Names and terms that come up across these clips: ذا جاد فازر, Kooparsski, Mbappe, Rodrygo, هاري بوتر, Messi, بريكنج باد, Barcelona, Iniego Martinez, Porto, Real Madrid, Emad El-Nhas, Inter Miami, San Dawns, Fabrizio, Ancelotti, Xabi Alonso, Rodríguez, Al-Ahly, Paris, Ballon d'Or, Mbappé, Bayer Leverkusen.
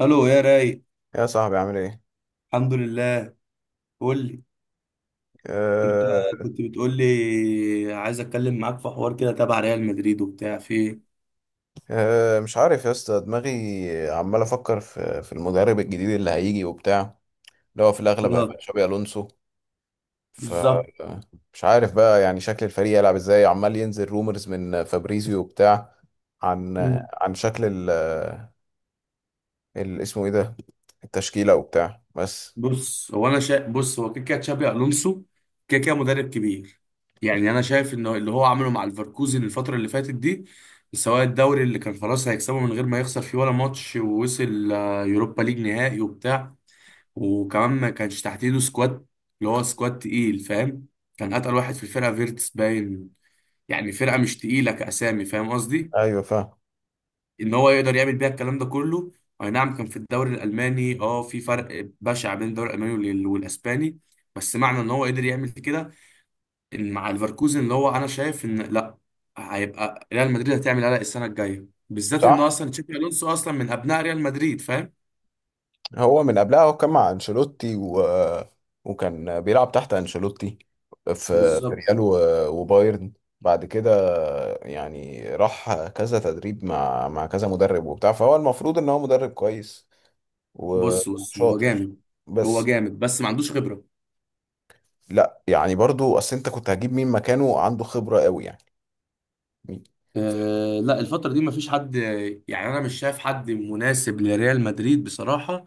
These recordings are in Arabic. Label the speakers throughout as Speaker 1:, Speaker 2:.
Speaker 1: الو يا راي،
Speaker 2: يا صاحبي عامل ايه؟
Speaker 1: الحمد لله. قول لي، انت
Speaker 2: أه
Speaker 1: كنت بتقول لي عايز اتكلم معاك في حوار كده تبع ريال مدريد وبتاع في ايه؟
Speaker 2: أه مش عارف يا اسطى دماغي عمال افكر في المدرب الجديد اللي هيجي وبتاع اللي هو في الاغلب هيبقى
Speaker 1: اه،
Speaker 2: تشابي الونسو. ف
Speaker 1: بالظبط.
Speaker 2: مش عارف بقى يعني شكل الفريق يلعب ازاي، عمال ينزل رومرز من فابريزيو وبتاع. عن
Speaker 1: مم.
Speaker 2: عن شكل اسمه ايه ده، التشكيلة وبتاع بس.
Speaker 1: بص هو كده كده تشابي الونسو، كده كده مدرب كبير. يعني انا شايف انه اللي هو عمله مع الفركوزن الفتره اللي فاتت دي، سواء الدوري اللي كان خلاص هيكسبه من غير ما يخسر فيه ولا ماتش، ووصل يوروبا ليج نهائي وبتاع، وكمان ما كانش تحت ايده سكواد، اللي هو سكواد تقيل فاهم. كان اتقل واحد في الفرقه فيرتس باين، يعني فرقه مش تقيله كاسامي فاهم قصدي،
Speaker 2: ايوه فاهم.
Speaker 1: ان هو يقدر يعمل بيها الكلام ده كله. اي نعم كان في الدوري الالماني، اه في فرق بشع بين الدوري الالماني والاسباني، بس معنى ان هو قدر يعمل كده، ان مع ليفركوزن اللي هو انا شايف ان لا، هيبقى ريال مدريد هتعمل قلق السنه الجايه، بالذات ان
Speaker 2: صح؟
Speaker 1: اصلا تشابي الونسو اصلا من ابناء ريال مدريد فاهم.
Speaker 2: هو من قبلها هو كان مع انشيلوتي وكان بيلعب تحت انشيلوتي في في
Speaker 1: بالظبط.
Speaker 2: ريال وبايرن بعد كده. يعني راح كذا تدريب مع كذا مدرب وبتاع، فهو المفروض ان هو مدرب كويس
Speaker 1: بص هو
Speaker 2: وشاطر.
Speaker 1: جامد، هو
Speaker 2: بس
Speaker 1: جامد بس ما عندوش خبره.
Speaker 2: لا يعني برضو، اصل انت كنت هجيب مين مكانه عنده خبرة قوي يعني؟ مين؟
Speaker 1: آه لا، الفترة دي مفيش حد، يعني أنا مش شايف حد مناسب لريال مدريد بصراحة.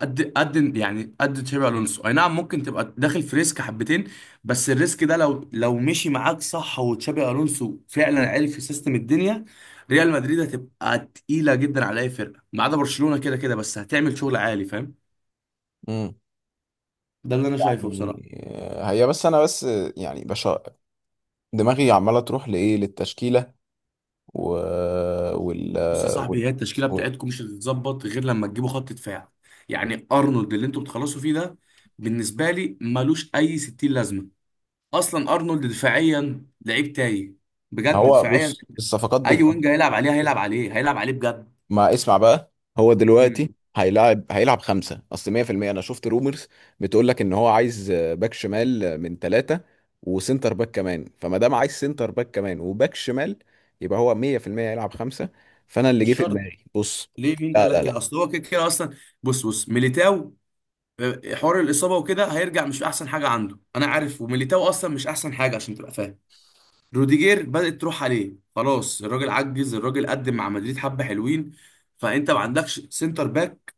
Speaker 1: قد قد يعني قد تشابي الونسو اي نعم ممكن تبقى داخل في ريسك حبتين، بس الريسك ده لو مشي معاك صح وتشابي الونسو فعلا عرف في سيستم الدنيا، ريال مدريد هتبقى تقيله جدا على اي فرقه ما عدا برشلونه، كده كده بس هتعمل شغل عالي فاهم.
Speaker 2: امم،
Speaker 1: ده اللي انا شايفه
Speaker 2: يعني
Speaker 1: بصراحه.
Speaker 2: هي بس انا بس يعني دماغي عمالة تروح لايه، للتشكيلة و... وال...
Speaker 1: بص يا صاحبي،
Speaker 2: وال...
Speaker 1: هي التشكيله
Speaker 2: وال...
Speaker 1: بتاعتكم مش هتتظبط غير لما تجيبوا خط دفاع، يعني ارنولد اللي انتوا بتخلصوا فيه ده، بالنسبه لي ملوش اي 60 لازمه، اصلا ارنولد دفاعيا لعيب تايه،
Speaker 2: ما
Speaker 1: بجد
Speaker 2: هو
Speaker 1: دفاعيا،
Speaker 2: بص، الصفقات
Speaker 1: اي وينج هيلعب عليه هيلعب عليه هيلعب عليه بجد.
Speaker 2: ما اسمع بقى. هو دلوقتي
Speaker 1: امم.
Speaker 2: هيلعب خمسة، أصل 100% أنا شفت رومرز بتقول لك إن هو عايز باك شمال من ثلاثة وسنتر باك كمان، فما دام عايز سنتر باك كمان وباك شمال يبقى هو 100% هيلعب خمسة. فأنا اللي جه
Speaker 1: مش
Speaker 2: في
Speaker 1: شرط.
Speaker 2: دماغي بص.
Speaker 1: ليه، مين
Speaker 2: لا
Speaker 1: قال لك
Speaker 2: لا
Speaker 1: كده،
Speaker 2: لا
Speaker 1: اصل هو كده كده اصلا. بص ميليتاو، حوار الاصابه وكده هيرجع، مش احسن حاجه عنده انا عارف، وميليتاو اصلا مش احسن حاجه عشان تبقى فاهم. روديجير بدات تروح عليه خلاص، الراجل عجز، الراجل قدم مع مدريد حبه حلوين، فانت ما عندكش سنتر باك.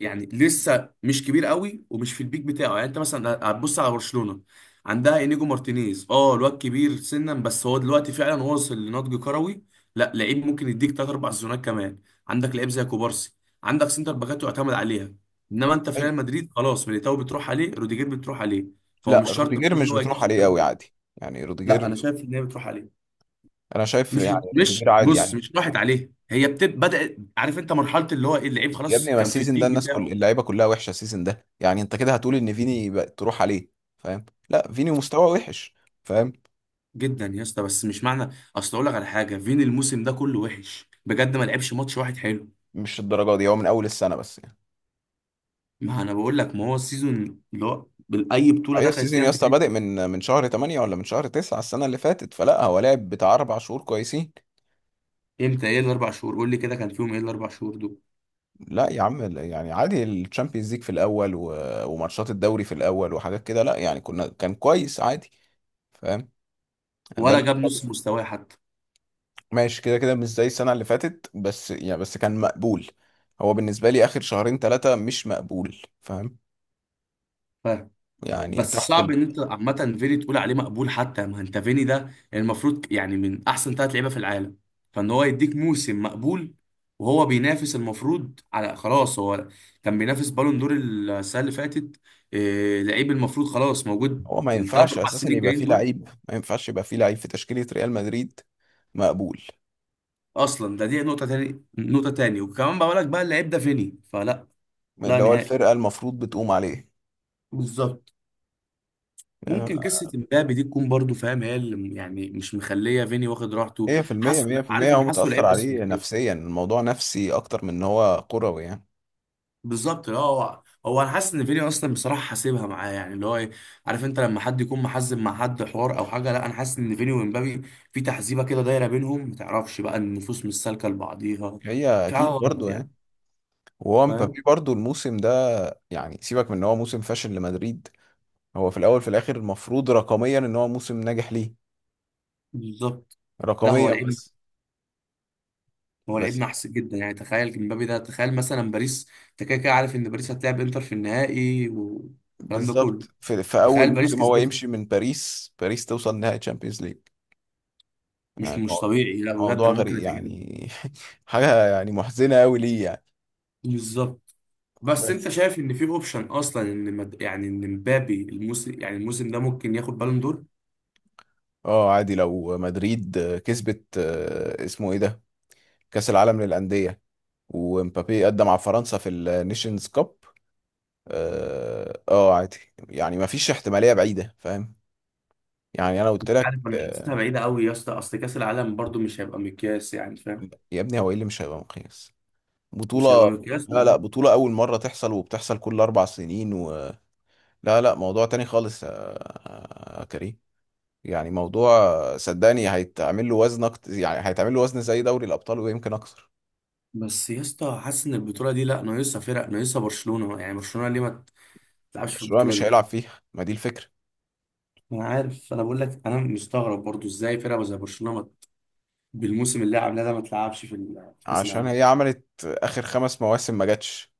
Speaker 1: يعني لسه مش كبير قوي ومش في البيك بتاعه، يعني انت مثلا هتبص على برشلونة، عندها انيجو مارتينيز، اه الواد كبير سنا بس هو دلوقتي فعلا واصل لنضج كروي، لا لعيب ممكن يديك تلات اربع سيزونات كمان، عندك لعيب زي كوبارسي، عندك سنتر باكات يعتمد عليها. انما انت في
Speaker 2: أي-
Speaker 1: ريال مدريد خلاص، ميليتاو بتروح عليه، روديجير بتروح عليه، فهو
Speaker 2: لا،
Speaker 1: مش شرط
Speaker 2: روديجير
Speaker 1: ان
Speaker 2: مش
Speaker 1: هو يجيب
Speaker 2: بتروح عليه
Speaker 1: سنتر
Speaker 2: قوي،
Speaker 1: باك.
Speaker 2: عادي يعني
Speaker 1: لا انا
Speaker 2: روديجير.
Speaker 1: شايف ان هي بتروح عليه.
Speaker 2: أنا شايف
Speaker 1: مش
Speaker 2: يعني
Speaker 1: مش
Speaker 2: روديجير عادي
Speaker 1: بص،
Speaker 2: يعني.
Speaker 1: مش راحت عليه، هي بتب بدأت، عارف انت مرحلة اللي هو ايه اللعيب
Speaker 2: يا
Speaker 1: خلاص
Speaker 2: ابني ما
Speaker 1: كان في
Speaker 2: السيزون ده
Speaker 1: البيك
Speaker 2: الناس كل
Speaker 1: بتاعه.
Speaker 2: اللعيبه كلها وحشه السيزون ده، يعني انت كده هتقول ان فيني بقى تروح عليه؟ فاهم؟ لا فيني مستواه وحش. فاهم؟
Speaker 1: جدا يا اسطى، بس مش معنى، اصل اقول لك على حاجه، فين الموسم ده كله وحش بجد ما لعبش ماتش واحد حلو.
Speaker 2: مش الدرجه دي، هو من اول السنه بس يعني.
Speaker 1: ما انا بقول لك ما هو السيزون اللي هو اي بطوله
Speaker 2: ايوه
Speaker 1: دخلت
Speaker 2: السيزون
Speaker 1: فيها
Speaker 2: يا اسطى
Speaker 1: مدريد.
Speaker 2: بادئ من شهر 8 ولا من شهر 9 السنه اللي فاتت، فلا هو لعب بتاع اربع شهور كويسين.
Speaker 1: امتى، ايه الاربع شهور، قول لي كده كان فيهم ايه الاربع شهور دول.
Speaker 2: لا يا عم لا، يعني عادي الشامبيونز ليج في الاول وماتشات الدوري في الاول وحاجات كده، لا يعني كنا كان كويس عادي. فاهم؟ ده
Speaker 1: ولا جاب نص مستواه حتى.
Speaker 2: ماشي كده كده مش زي السنة اللي فاتت بس يعني، بس كان مقبول. هو بالنسبة لي آخر شهرين ثلاثة مش مقبول. فاهم؟ يعني
Speaker 1: بس
Speaker 2: تحت
Speaker 1: صعب ان انت عامه فيني تقول عليه مقبول حتى، ما انت فيني ده، يعني المفروض يعني من احسن ثلاث لعيبه في العالم، فان هو يديك موسم مقبول، وهو بينافس المفروض على خلاص هو، كان بينافس بالون دور السنه اللي فاتت، إيه لعيب المفروض خلاص موجود
Speaker 2: هو ما
Speaker 1: الثلاث
Speaker 2: ينفعش
Speaker 1: اربع
Speaker 2: أساسا
Speaker 1: سنين
Speaker 2: يبقى
Speaker 1: الجايين
Speaker 2: فيه
Speaker 1: دول.
Speaker 2: لعيب، ما ينفعش يبقى فيه لعيب في تشكيلة ريال مدريد مقبول،
Speaker 1: اصلا ده دي نقطه تاني، نقطه تاني، وكمان بقول لك بقى اللعيب ده فيني فلا. لا
Speaker 2: اللي هو
Speaker 1: نهائي.
Speaker 2: الفرقة المفروض بتقوم عليه.
Speaker 1: بالظبط. ممكن
Speaker 2: آه،
Speaker 1: قصه امبابي دي تكون برضو فاهم، هي اللي يعني مش مخليه فيني واخد راحته.
Speaker 2: مية في المية،
Speaker 1: حاسه
Speaker 2: مية في
Speaker 1: عارف
Speaker 2: المية،
Speaker 1: انا
Speaker 2: هو
Speaker 1: حاسه
Speaker 2: متأثر
Speaker 1: لعيب اصلا
Speaker 2: عليه
Speaker 1: كده.
Speaker 2: نفسيا، الموضوع نفسي أكتر من إن هو كروي يعني.
Speaker 1: بالظبط اه، هو انا حاسس ان فيني اصلا بصراحه حاسبها معاه يعني اللي هو ايه، عارف انت لما حد يكون محزب مع حد حوار او حاجه، لا انا حاسس ان فيني وامبابي في تحزيبه كده دايره بينهم، ما تعرفش بقى النفوس مش سالكه لبعضيها،
Speaker 2: هي
Speaker 1: في حاجه
Speaker 2: أكيد
Speaker 1: غلط
Speaker 2: برضه يعني.
Speaker 1: يعني
Speaker 2: وهو
Speaker 1: فاهم.
Speaker 2: مبابي برضه الموسم ده، يعني سيبك من إن هو موسم فاشل لمدريد، هو في الاول في الاخر المفروض رقميا ان هو موسم ناجح ليه.
Speaker 1: بالظبط. لا هو
Speaker 2: رقميا
Speaker 1: لعيب،
Speaker 2: بس.
Speaker 1: هو لعيب
Speaker 2: بس
Speaker 1: نحس جدا، يعني تخيل امبابي ده، تخيل مثلا باريس، انت كده كده عارف ان باريس هتلعب انتر في النهائي والكلام ده كله.
Speaker 2: بالظبط في, في اول
Speaker 1: تخيل باريس
Speaker 2: موسم هو
Speaker 1: كسبتها.
Speaker 2: يمشي من باريس باريس توصل نهائي تشامبيونز ليج.
Speaker 1: مش
Speaker 2: يعني
Speaker 1: مش طبيعي، لا بجد
Speaker 2: موضوع
Speaker 1: انا ممكن
Speaker 2: غريب
Speaker 1: اتأكد.
Speaker 2: يعني حاجه يعني محزنه قوي ليه يعني.
Speaker 1: بالظبط. بس
Speaker 2: بس
Speaker 1: انت شايف ان في اوبشن اصلا ان يعني ان مبابي الموسم، يعني الموسم ده ممكن ياخد بالون دور.
Speaker 2: اه عادي لو مدريد كسبت اسمه ايه ده، كاس العالم للانديه، ومبابي قدم مع فرنسا في النيشنز كاب، عادي. يعني ما فيش احتماليه بعيده فاهم. يعني انا قلت
Speaker 1: مش
Speaker 2: لك
Speaker 1: عارف، انا حاسسها بعيده قوي يا اسطى، اصل كاس العالم برضو مش هيبقى مقياس يعني فاهم،
Speaker 2: يا ابني هو ايه اللي مش هيبقى مقياس؟
Speaker 1: مش هيبقى
Speaker 2: بطولة!
Speaker 1: مقياس.
Speaker 2: لا بطولة أول مرة تحصل وبتحصل كل أربع سنين لا موضوع تاني خالص يا كريم. يعني موضوع، صدقني هيتعمل له وزن يعني هيتعمل له وزن زي دوري الأبطال ويمكن أكثر.
Speaker 1: بس يا اسطى حاسس ان البطوله دي لا ناقصها فرق، ناقصها برشلونه، يعني برشلونه ليه ما تلعبش في
Speaker 2: برشلونة
Speaker 1: البطوله
Speaker 2: مش
Speaker 1: دي.
Speaker 2: هيلعب فيها، ما دي الفكرة.
Speaker 1: انا عارف انا بقول لك انا مستغرب برضو ازاي فرقه زي برشلونه بالموسم اللي عاملاه ده ما تلعبش في في كاس
Speaker 2: عشان
Speaker 1: العالم.
Speaker 2: هي عملت آخر خمس مواسم ما جاتش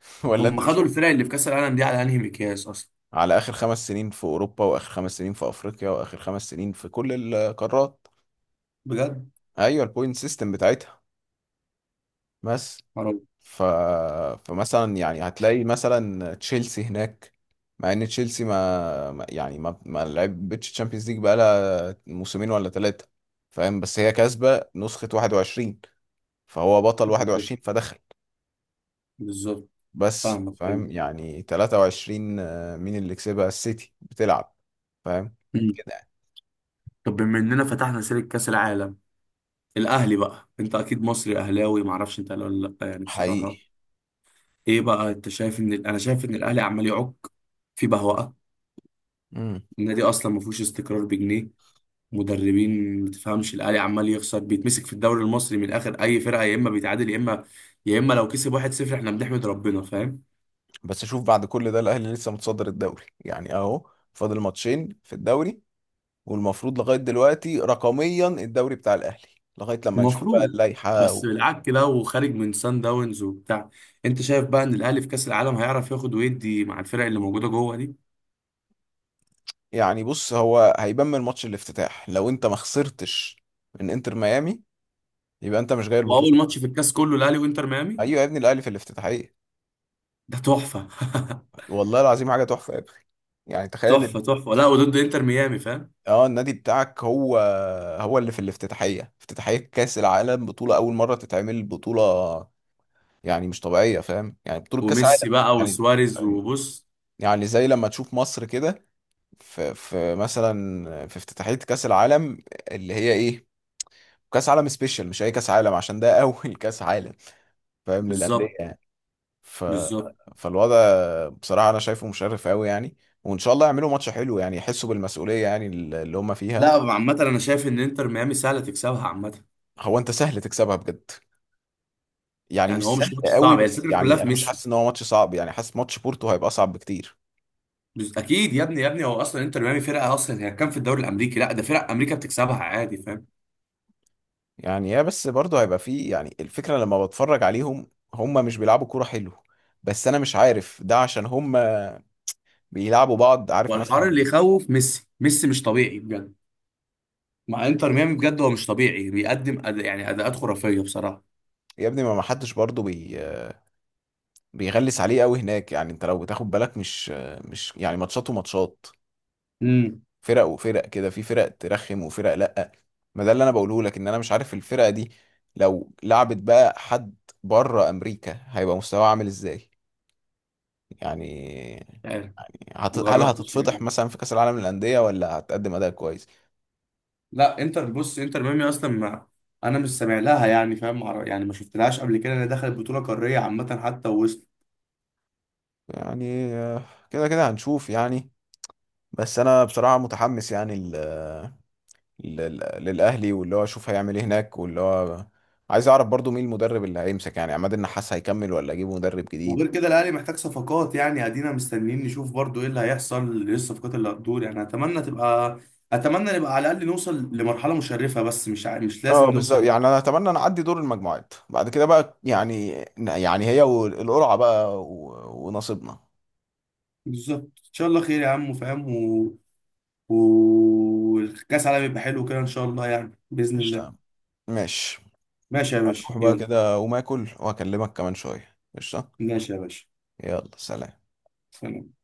Speaker 2: ولا
Speaker 1: هم
Speaker 2: أنت مش
Speaker 1: خدوا
Speaker 2: واخد-
Speaker 1: الفرق اللي في كاس العالم دي على انهي مقياس اصلا،
Speaker 2: على آخر خمس سنين في أوروبا وآخر خمس سنين في أفريقيا وآخر خمس سنين في كل القارات.
Speaker 1: بجد
Speaker 2: أيوة البوينت سيستم بتاعتها بس.
Speaker 1: معرفش.
Speaker 2: ف... فمثلا يعني هتلاقي مثلا تشيلسي هناك، مع ان تشيلسي يعني ما ما لعبتش تشامبيونز ليج بقالها موسمين ولا ثلاثة، فاهم؟ بس هي كاسبة نسخة 21، فهو بطل
Speaker 1: بالظبط.
Speaker 2: 21 فدخل.
Speaker 1: بالظبط.
Speaker 2: بس
Speaker 1: فاهمك،
Speaker 2: فاهم
Speaker 1: فهمت.
Speaker 2: يعني 23 مين اللي كسبها؟ السيتي، بتلعب. فاهم
Speaker 1: مم.
Speaker 2: كده.
Speaker 1: طب بما اننا فتحنا سيره كاس العالم، الاهلي بقى، انت اكيد مصري اهلاوي ما اعرفش انت اهلاوي ولا لا يعني
Speaker 2: حقيقي.
Speaker 1: بصراحه. ايه بقى انت شايف ان انا شايف ان الاهلي عمال يعك في بهوأة،
Speaker 2: امم.
Speaker 1: النادي اصلا ما فيهوش استقرار بجنيه، مدربين ما تفهمش، الاهلي عمال يخسر بيتمسك في الدوري المصري من الاخر اي فرقه، يا اما بيتعادل يا اما، يا اما لو كسب 1-0 احنا بنحمد ربنا فاهم.
Speaker 2: بس شوف بعد كل ده الاهلي لسه متصدر الدوري، يعني اهو فاضل ماتشين في الدوري، والمفروض لغاية دلوقتي رقميا الدوري بتاع الأهلي، لغاية لما نشوف بقى
Speaker 1: المفروض.
Speaker 2: اللائحة
Speaker 1: بس بالعك كده وخارج من سان داونز وبتاع، انت شايف بقى ان الاهلي في كاس العالم هيعرف ياخد ويدي مع الفرق اللي موجوده جوه دي.
Speaker 2: يعني بص هو هيبان من ماتش الافتتاح، لو انت ما خسرتش من انتر ميامي يبقى انت مش جاي البطولة
Speaker 1: واول
Speaker 2: من
Speaker 1: ماتش
Speaker 2: أصلا.
Speaker 1: في الكاس كله الاهلي وانتر ميامي،
Speaker 2: ايوه يا ابني الأهلي في الافتتاحية،
Speaker 1: ده تحفه.
Speaker 2: والله العظيم حاجة تحفة يا ابني. يعني تخيل ان
Speaker 1: تحفه تحفه، لا وضد انتر ميامي فاهم،
Speaker 2: اه النادي بتاعك هو، هو اللي في الافتتاحية، افتتاحية كأس العالم، بطولة أول مرة تتعمل بطولة، يعني مش طبيعية، فاهم؟ يعني بطولة كأس عالم.
Speaker 1: وميسي بقى
Speaker 2: يعني،
Speaker 1: وسواريز
Speaker 2: يعني،
Speaker 1: وبص.
Speaker 2: يعني زي لما تشوف مصر كده في مثلا في افتتاحية كأس العالم، اللي هي ايه، كأس عالم سبيشال مش اي كأس عالم عشان ده اول كأس عالم، فاهم؟ للأندية
Speaker 1: بالظبط.
Speaker 2: يعني. ف
Speaker 1: بالظبط.
Speaker 2: فالوضع بصراحة انا شايفه مشرف قوي يعني، وان شاء الله يعملوا ماتش حلو، يعني يحسوا بالمسؤولية يعني اللي هم فيها.
Speaker 1: لا عامه انا شايف ان انتر ميامي سهله تكسبها عامه.
Speaker 2: هو انت سهل تكسبها بجد؟ يعني
Speaker 1: يعني
Speaker 2: مش
Speaker 1: هو مش
Speaker 2: سهل
Speaker 1: ماتش
Speaker 2: قوي
Speaker 1: صعب، هي
Speaker 2: بس،
Speaker 1: الفكره كلها
Speaker 2: يعني
Speaker 1: في
Speaker 2: انا مش
Speaker 1: ميسي،
Speaker 2: حاسس ان هو ماتش صعب يعني، حاسس ماتش بورتو هيبقى اصعب بكتير.
Speaker 1: اكيد يا ابني يا ابني هو اصلا انتر ميامي فرقه، اصلا هي كان في الدوري الامريكي، لا ده فرق امريكا بتكسبها عادي فاهم.
Speaker 2: يعني يا بس برضه هيبقى فيه، يعني الفكرة لما بتفرج عليهم هم مش بيلعبوا كورة حلو، بس انا مش عارف ده عشان هم بيلعبوا بعض عارف مثلا
Speaker 1: والحوار اللي
Speaker 2: ايه.
Speaker 1: يخوف ميسي، ميسي مش طبيعي بجد، مع انتر ميامي بجد، هو مش طبيعي بيقدم يعني اداءات خرافيه بصراحه.
Speaker 2: يا ابني ما ما حدش برضه بيغلس عليه قوي هناك، يعني انت لو بتاخد بالك مش، مش يعني ماتشات وماتشات،
Speaker 1: امم.
Speaker 2: فرق وفرق كده، في فرق ترخم وفرق لا. ما ده اللي انا بقوله لك، ان انا مش عارف الفرقه دي لو لعبت بقى حد بره امريكا هيبقى مستواها عامل ازاي يعني،
Speaker 1: يعني
Speaker 2: هل
Speaker 1: مجربتش
Speaker 2: هتتفضح
Speaker 1: يعني.
Speaker 2: مثلا في كاس العالم للانديه ولا هتقدم اداء كويس؟
Speaker 1: لا انتر، بص انتر ميامي اصلا ما، انا مش سامع لها يعني فاهم يعني ما شفتلهاش قبل كده، انا دخلت بطوله قاريه عامه حتى ووصل.
Speaker 2: يعني كده كده هنشوف يعني. بس انا بصراحه متحمس يعني للاهلي، واللي هو اشوف هيعمل ايه هناك، واللي هو عايز اعرف برضو مين المدرب اللي هيمسك، يعني عماد النحاس هيكمل ولا اجيب مدرب جديد.
Speaker 1: وغير كده الاهلي محتاج صفقات، يعني ادينا مستنيين نشوف برضو ايه اللي هيحصل، ايه الصفقات اللي هتدور، يعني اتمنى تبقى، اتمنى نبقى على الاقل نوصل لمرحله مشرفه، بس مش مش
Speaker 2: اه
Speaker 1: لازم
Speaker 2: بالظبط،
Speaker 1: نوصل.
Speaker 2: يعني انا اتمنى ان اعدي دور المجموعات بعد كده بقى يعني، يعني هي والقرعه بقى ونصيبنا.
Speaker 1: بالظبط. ان شاء الله خير يا عم فاهم. والكاس العالم يبقى حلو كده ان شاء الله يعني باذن الله.
Speaker 2: قشطة. ماشي.
Speaker 1: ماشي يا باشا
Speaker 2: روح بقى
Speaker 1: يلا.
Speaker 2: كده وما اكل وهكلمك كمان شويه. قشطة.
Speaker 1: ماشي يا باشا.
Speaker 2: يلا سلام.
Speaker 1: سلام.